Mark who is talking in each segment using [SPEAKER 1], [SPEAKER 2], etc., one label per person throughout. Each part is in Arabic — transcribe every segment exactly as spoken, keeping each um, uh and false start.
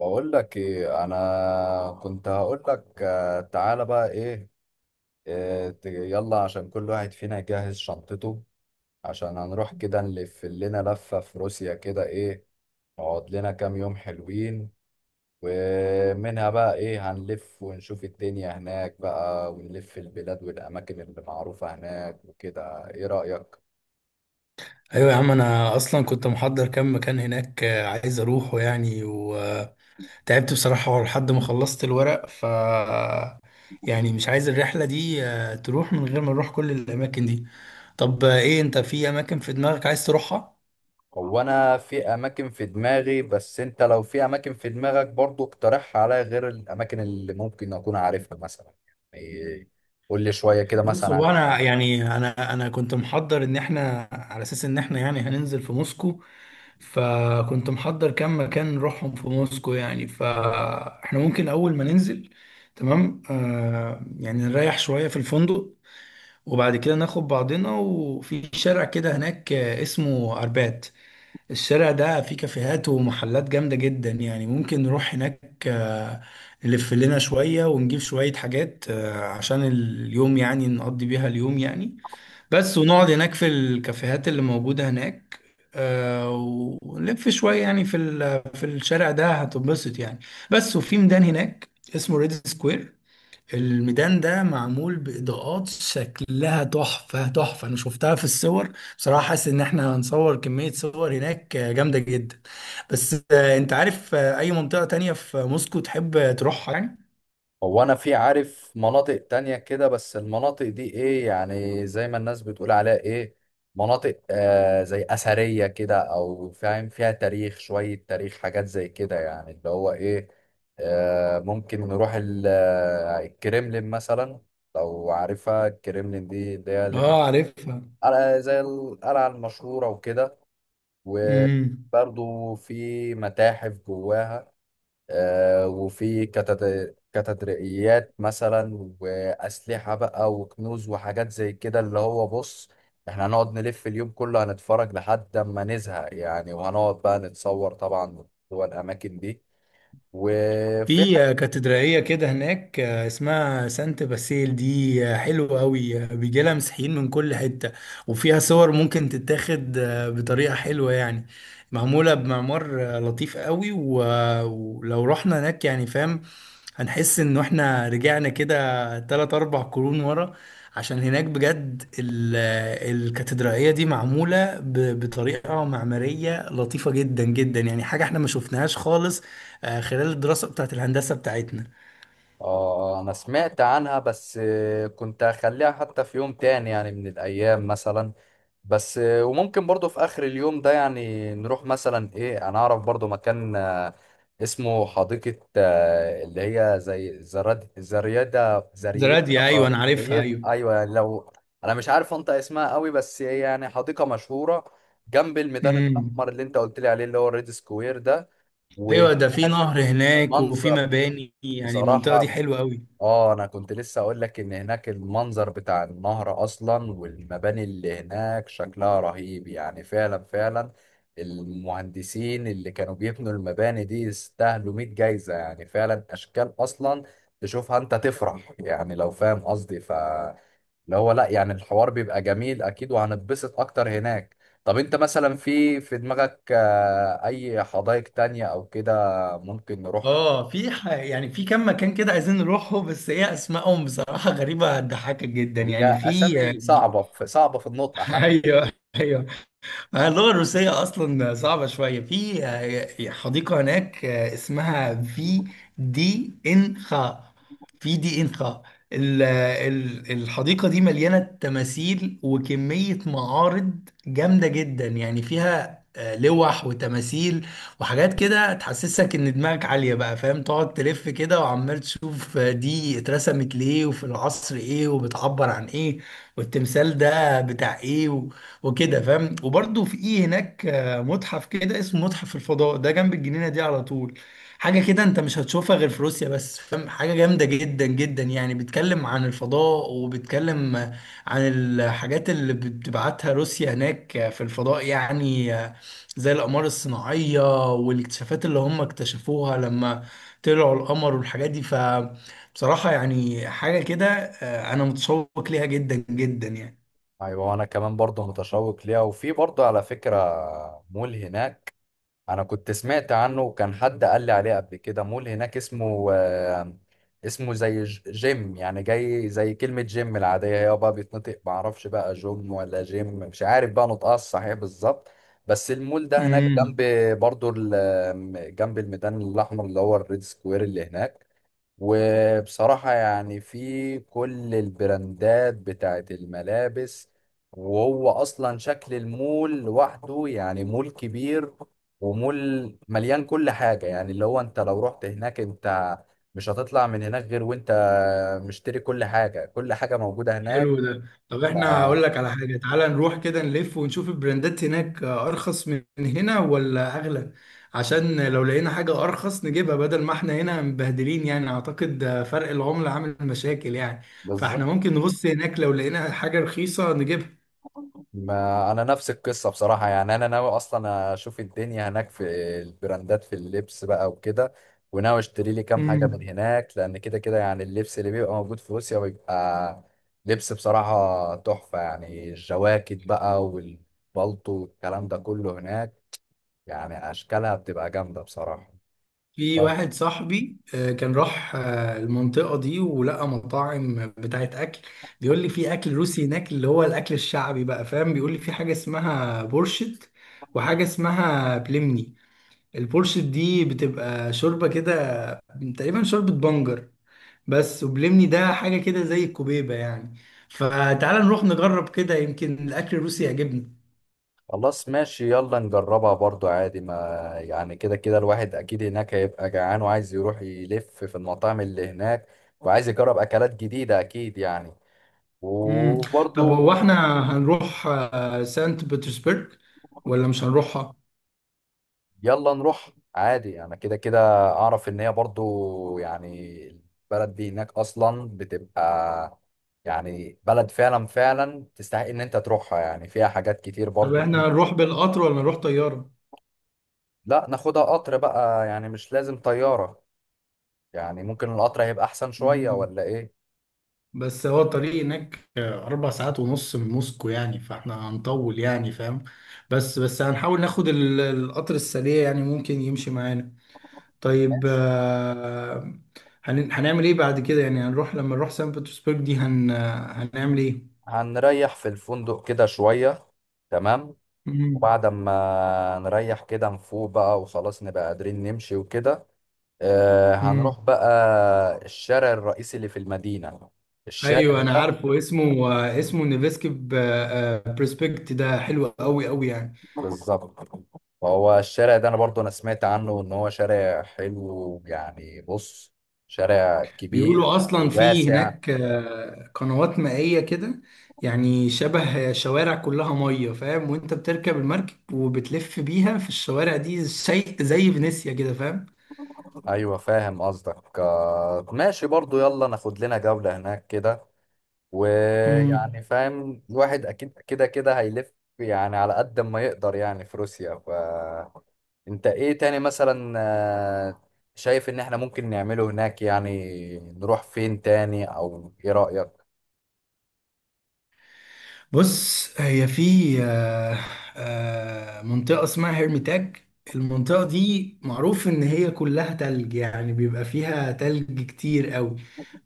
[SPEAKER 1] بقول لك ايه. انا كنت هقول لك، آه، تعالى بقى ايه. آه، ت- يلا عشان كل واحد فينا يجهز شنطته، عشان هنروح كده نلف لنا لفة في روسيا كده ايه. نقعد لنا كام يوم حلوين، ومنها بقى ايه هنلف ونشوف الدنيا هناك بقى، ونلف البلاد والاماكن اللي معروفة هناك وكده. ايه رأيك؟
[SPEAKER 2] ايوه يا عم، انا اصلا كنت محضر كام مكان هناك، آه، عايز اروحه يعني، وتعبت بصراحه لحد ما خلصت الورق ف يعني مش عايز الرحله دي آه، تروح من غير ما نروح كل الاماكن دي. طب، آه، ايه انت، في اماكن في دماغك عايز تروحها؟
[SPEAKER 1] هو انا في اماكن في دماغي، بس انت لو في اماكن في دماغك برضو اقترحها عليا، غير الاماكن اللي ممكن اكون عارفها مثلا. يعني قول لي شوية كده
[SPEAKER 2] بص،
[SPEAKER 1] مثلا.
[SPEAKER 2] هو انا يعني انا انا كنت محضر ان احنا على اساس ان احنا يعني هننزل في موسكو، فكنت محضر كام مكان نروحهم في موسكو يعني. فاحنا ممكن اول ما ننزل تمام، آه يعني نريح شوية في الفندق، وبعد كده ناخد بعضنا. وفي شارع كده هناك آه، اسمه اربات. الشارع ده فيه كافيهات ومحلات جامدة جدا، يعني ممكن نروح هناك آه، نلف لنا شوية ونجيب شوية حاجات آه، عشان اليوم، يعني نقضي بيها اليوم يعني بس. ونقعد هناك في الكافيهات اللي موجودة هناك، آه، ونلف شوية يعني في ال- في الشارع ده، هتنبسط يعني بس. وفي ميدان هناك اسمه ريد سكوير. الميدان ده معمول بإضاءات شكلها تحفة تحفة، أنا شفتها في الصور، بصراحة حاسس إن إحنا هنصور كمية صور هناك جامدة جدا. بس، آه، أنت عارف آه، أي منطقة تانية في موسكو تحب تروحها يعني؟
[SPEAKER 1] هو انا في عارف مناطق تانية كده، بس المناطق دي ايه يعني زي ما الناس بتقول عليها ايه، مناطق آه زي اثرية كده، او فاهم فيها تاريخ، شوية تاريخ حاجات زي كده يعني اللي هو ايه. آه ممكن نروح ال- آه، الكريملين مثلا. لو عارفها الكريملين دي اللي هي اللي
[SPEAKER 2] آه، عارفها.
[SPEAKER 1] قلعة- زي القلعة المشهورة وكده.
[SPEAKER 2] مم.
[SPEAKER 1] وبرضو في متاحف جواها. آه، وفي كاتد- كاتدرائيات مثلا وأسلحة بقى وكنوز وحاجات زي كده. اللي هو بص، احنا هنقعد نلف اليوم كله، هنتفرج لحد ما نزهق يعني، وهنقعد بقى نتصور طبعا جوه الأماكن دي. وفي
[SPEAKER 2] في
[SPEAKER 1] حاجة،
[SPEAKER 2] آه، كاتدرائية كده هناك آه، اسمها سانت باسيل، دي آه، حلوة قوي، بيجي لها مسيحيين من كل حتة. وفيها صور ممكن تتاخد آه، بطريقة حلوة يعني، معمولة بمعمار آه، لطيف قوي، و- آه، ولو رحنا هناك، يعني فاهم، هنحس ان احنا رجعنا كده تلات اربع قرون ورا، عشان هناك بجد ال- الكاتدرائية دي معمولة ب- بطريقة معمارية لطيفة جدا جدا، يعني حاجة احنا ما شفناهاش خالص آه، خلال الدراسة بتاعت الهندسة بتاعتنا.
[SPEAKER 1] اه أنا سمعت عنها، بس آه، كنت هخليها حتى في يوم تاني يعني من الأيام مثلا. بس آه، وممكن برضو في اخر اليوم ده يعني نروح مثلا ايه. انا اعرف برضو مكان آه، اسمه حديقة، آه، اللي هي زي زراد زريادة زريادة
[SPEAKER 2] زراديا، ايوه انا عارفها،
[SPEAKER 1] زرير
[SPEAKER 2] ايوه.
[SPEAKER 1] ايوه يعني لو. انا مش عارف انطق اسمها قوي، بس هي يعني حديقة مشهورة جنب الميدان الاحمر،
[SPEAKER 2] امم.
[SPEAKER 1] اللي انت قلت لي عليه، اللي هو الريد سكوير ده.
[SPEAKER 2] ايوه، ده في
[SPEAKER 1] وهناك
[SPEAKER 2] نهر هناك وفي
[SPEAKER 1] منظر
[SPEAKER 2] مباني، يعني المنطقة دي
[SPEAKER 1] بصراحة.
[SPEAKER 2] حلوة قوي.
[SPEAKER 1] اه انا كنت لسه اقول لك ان هناك المنظر بتاع النهر اصلا والمباني اللي هناك شكلها رهيب، يعني فعلا فعلا. المهندسين اللي كانوا بيبنوا المباني دي يستاهلوا مية جايزة، يعني فعلا اشكال اصلا تشوفها انت تفرح يعني، لو فاهم قصدي. ف اللي هو لا يعني الحوار بيبقى جميل اكيد، وهنتبسط اكتر هناك. طب انت مثلا في في دماغك، آه، اي حدائق تانية او كده ممكن نروح؟
[SPEAKER 2] اه، في ح... يعني في كم مكان كده عايزين نروحه، بس ايه اسمائهم بصراحة غريبة هتضحكك جدا،
[SPEAKER 1] هي
[SPEAKER 2] يعني في...
[SPEAKER 1] اسامي صعبة، في صعبة في النطق.
[SPEAKER 2] ايوه، ايوه. آه، اللغه الروسيه اصلا صعبه شويه. في آه، حديقه هناك آه، اسمها في دي ان خا. في دي ان خا. ال- ال- الحديقه دي مليانه تماثيل وكميه معارض جامده جدا، يعني فيها آه، لوح وتماثيل وحاجات كده تحسسك ان دماغك عاليه، بقى فاهم، تقعد تلف كده وعمال تشوف آه، دي اترسمت ليه وفي العصر ايه وبتعبر عن ايه، والتمثال ده بتاع ايه، وكده فاهم. وبرضه في ايه هناك آه، متحف كده اسمه متحف الفضاء، ده جنب الجنينه دي على طول. حاجه كده انت مش هتشوفها غير في روسيا، بس فاهم، حاجه جامده جدا جدا، يعني بيتكلم عن الفضاء وبيتكلم آه، عن الحاجات اللي بتبعتها روسيا هناك آه، في الفضاء، يعني آه، زي الاقمار الصناعيه والاكتشافات اللي هم اكتشفوها لما طلعوا القمر والحاجات دي. فبصراحه يعني حاجه كده، آه، انا متشوق ليها جدا جدا يعني.
[SPEAKER 1] ايوه، وانا كمان برضه متشوق ليها. وفي برضه على فكره مول هناك. انا كنت سمعت عنه وكان حد قال لي عليه قبل كده. مول هناك اسمه آه، اسمه زي ج- جيم، يعني جاي زي كلمه جيم العاديه، هي بقى بيتنطق ما اعرفش بقى جيم ولا جيم، مش عارف بقى نطقها الصحيح بالظبط. بس المول ده هناك جنب،
[SPEAKER 2] امم.
[SPEAKER 1] برضه ال- جنب الميدان الاحمر اللي هو الريد سكوير اللي هناك. وبصراحة يعني في كل البراندات بتاعت الملابس. وهو أصلا شكل المول لوحده يعني مول كبير. ومول مليان كل حاجة، يعني اللي هو أنت لو رحت هناك أنت مش هتطلع من هناك غير وأنت مشتري كل حاجة. كل حاجة موجودة هناك.
[SPEAKER 2] حلو ده. طب
[SPEAKER 1] ف-
[SPEAKER 2] احنا، هقول لك على حاجة، تعالى نروح كده نلف ونشوف البراندات هناك أرخص من هنا ولا أغلى. عشان لو لقينا حاجة أرخص نجيبها بدل ما احنا هنا مبهدلين، يعني أعتقد فرق العملة عامل مشاكل يعني. فاحنا
[SPEAKER 1] بالظبط،
[SPEAKER 2] ممكن نبص هناك، لو لقينا حاجة رخيصة نجيبها.
[SPEAKER 1] ما انا نفس القصه بصراحه. يعني انا ناوي اصلا اشوف الدنيا هناك، في البراندات، في اللبس بقى وكده. وناوي اشتري لي كام حاجه
[SPEAKER 2] مم.
[SPEAKER 1] من هناك، لان كده كده يعني اللبس اللي بيبقى موجود في روسيا بيبقى لبس بصراحه تحفه. يعني الجواكت بقى والبلطو والكلام ده كله هناك يعني اشكالها بتبقى جامده بصراحه.
[SPEAKER 2] في واحد صاحبي آه، كان راح آه، المنطقة دي ولقى مطاعم بتاعت أكل، بيقول لي في أكل روسي هناك اللي هو الأكل الشعبي، بقى فاهم، بيقول لي في حاجة اسمها بورشت وحاجة اسمها بلمني. البورشت دي بتبقى شوربة كده، تقريبا شوربة بنجر بس. وبلمني ده حاجة كده زي الكوبيبة يعني. فتعال نروح نجرب كده، يمكن الأكل الروسي يعجبنا.
[SPEAKER 1] خلاص ماشي، يلا نجربها برضو عادي ما. يعني كده كده الواحد اكيد هناك هيبقى جعان، وعايز يروح يلف في المطاعم اللي هناك، وعايز يجرب اكلات جديدة اكيد يعني.
[SPEAKER 2] مم. طب هو
[SPEAKER 1] وبرضو
[SPEAKER 2] احنا هنروح آه، سانت بطرسبرغ ولا مش هنروحها؟
[SPEAKER 1] يلا نروح عادي، انا كده كده اعرف ان هي برضو يعني، البلد دي هناك اصلا بتبقى يعني بلد فعلا فعلا تستحق ان انت تروحها، يعني فيها حاجات كتير
[SPEAKER 2] طب
[SPEAKER 1] برضو.
[SPEAKER 2] احنا هنروح بالقطر ولا نروح طيارة؟
[SPEAKER 1] لا، ناخدها قطر بقى، يعني مش لازم طيارة. يعني ممكن القطر هيبقى احسن شوية،
[SPEAKER 2] مم.
[SPEAKER 1] ولا ايه؟
[SPEAKER 2] بس هو الطريق هناك أربع ساعات ونص من موسكو، يعني فاحنا هنطول، يعني فاهم. بس بس هنحاول ناخد ال- القطر السريع، يعني ممكن يمشي معانا. طيب،
[SPEAKER 1] ماشي.
[SPEAKER 2] آه، هن- هنعمل ايه بعد كده؟ يعني هنروح، لما نروح سان بطرسبرج دي هن هنعمل ايه؟
[SPEAKER 1] هنريح في الفندق كده شوية. تمام.
[SPEAKER 2] مم.
[SPEAKER 1] وبعد ما نريح كده نفوق بقى، وخلاص نبقى قادرين نمشي وكده. آه،
[SPEAKER 2] مم.
[SPEAKER 1] هنروح بقى الشارع الرئيسي اللي في المدينة. الشارع
[SPEAKER 2] ايوه، انا
[SPEAKER 1] ده.
[SPEAKER 2] عارفه اسمه، آه، اسمه نيفسكي بريسبكت، ده حلو قوي قوي يعني.
[SPEAKER 1] بالظبط. فهو الشارع ده انا برضو انا سمعت عنه ان هو شارع حلو. يعني بص، شارع كبير
[SPEAKER 2] بيقولوا اصلا في
[SPEAKER 1] وواسع.
[SPEAKER 2] هناك آه، قنوات مائية كده، يعني شبه شوارع كلها مية، فاهم، وانت بتركب المركب وبتلف بيها في الشوارع دي زي زي فينيسيا كده.
[SPEAKER 1] ايوه، فاهم قصدك. آه، ماشي برضو، يلا ناخد لنا جولة هناك كده. ويعني
[SPEAKER 2] فاهم.
[SPEAKER 1] فاهم الواحد اكيد كده كده هيلف، يعني على قد ما يقدر، يعني في روسيا. فانت ايه تاني مثلا، آه، شايف ان احنا ممكن نعمله هناك؟ يعني نروح فين تاني، او ايه رأيك؟
[SPEAKER 2] بص، هي في آه، آه، منطقة اسمها هرميتاج. المنطقة دي معروف إن هي كلها تلج، يعني بيبقى فيها تلج كتير قوي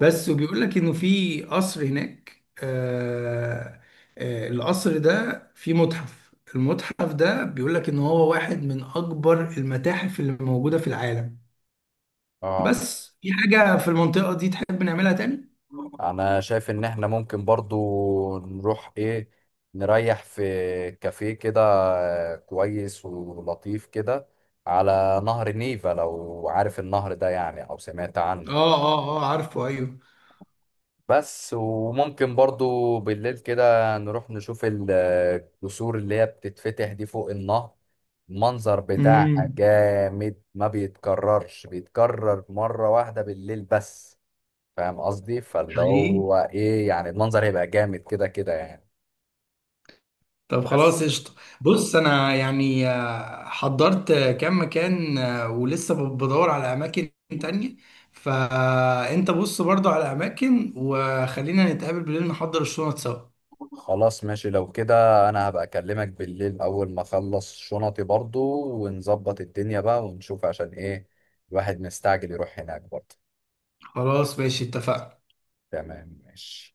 [SPEAKER 2] بس. وبيقول لك إنه في قصر هناك، آه، آه، القصر ده فيه متحف. المتحف ده بيقول لك إن هو واحد من أكبر المتاحف اللي موجودة في العالم.
[SPEAKER 1] اه
[SPEAKER 2] بس في حاجة في المنطقة دي تحب نعملها تاني؟
[SPEAKER 1] انا شايف ان احنا ممكن برضو نروح ايه، نريح في كافيه كده آه، كويس ولطيف كده على نهر نيفا، لو عارف النهر ده يعني او سمعت عنه.
[SPEAKER 2] آه آه آه عارفه، أيوه.
[SPEAKER 1] بس وممكن برضو بالليل كده نروح نشوف ال- الجسور اللي هي بتتفتح دي فوق النهر. المنظر بتاعها
[SPEAKER 2] امم.
[SPEAKER 1] جامد، ما بيتكررش، بيتكرر مرة واحدة بالليل بس. فاهم قصدي. فاللي
[SPEAKER 2] حقيقي.
[SPEAKER 1] هو ايه يعني، المنظر هيبقى جامد كده كده يعني.
[SPEAKER 2] طب خلاص،
[SPEAKER 1] بس
[SPEAKER 2] قشطة. بص أنا يعني آه، حضرت آه، كام مكان آه، ولسه ب- بدور على أماكن تانية. فأنت بص برضو على أماكن، وخلينا نتقابل بالليل نحضر الشنط سوا.
[SPEAKER 1] خلاص ماشي، لو كده انا هبقى اكلمك بالليل اول ما اخلص شنطي برضو، ونظبط الدنيا بقى ونشوف، عشان ايه الواحد مستعجل يروح هناك برضو.
[SPEAKER 2] خلاص ماشي، اتفقنا.
[SPEAKER 1] تمام، ماشي.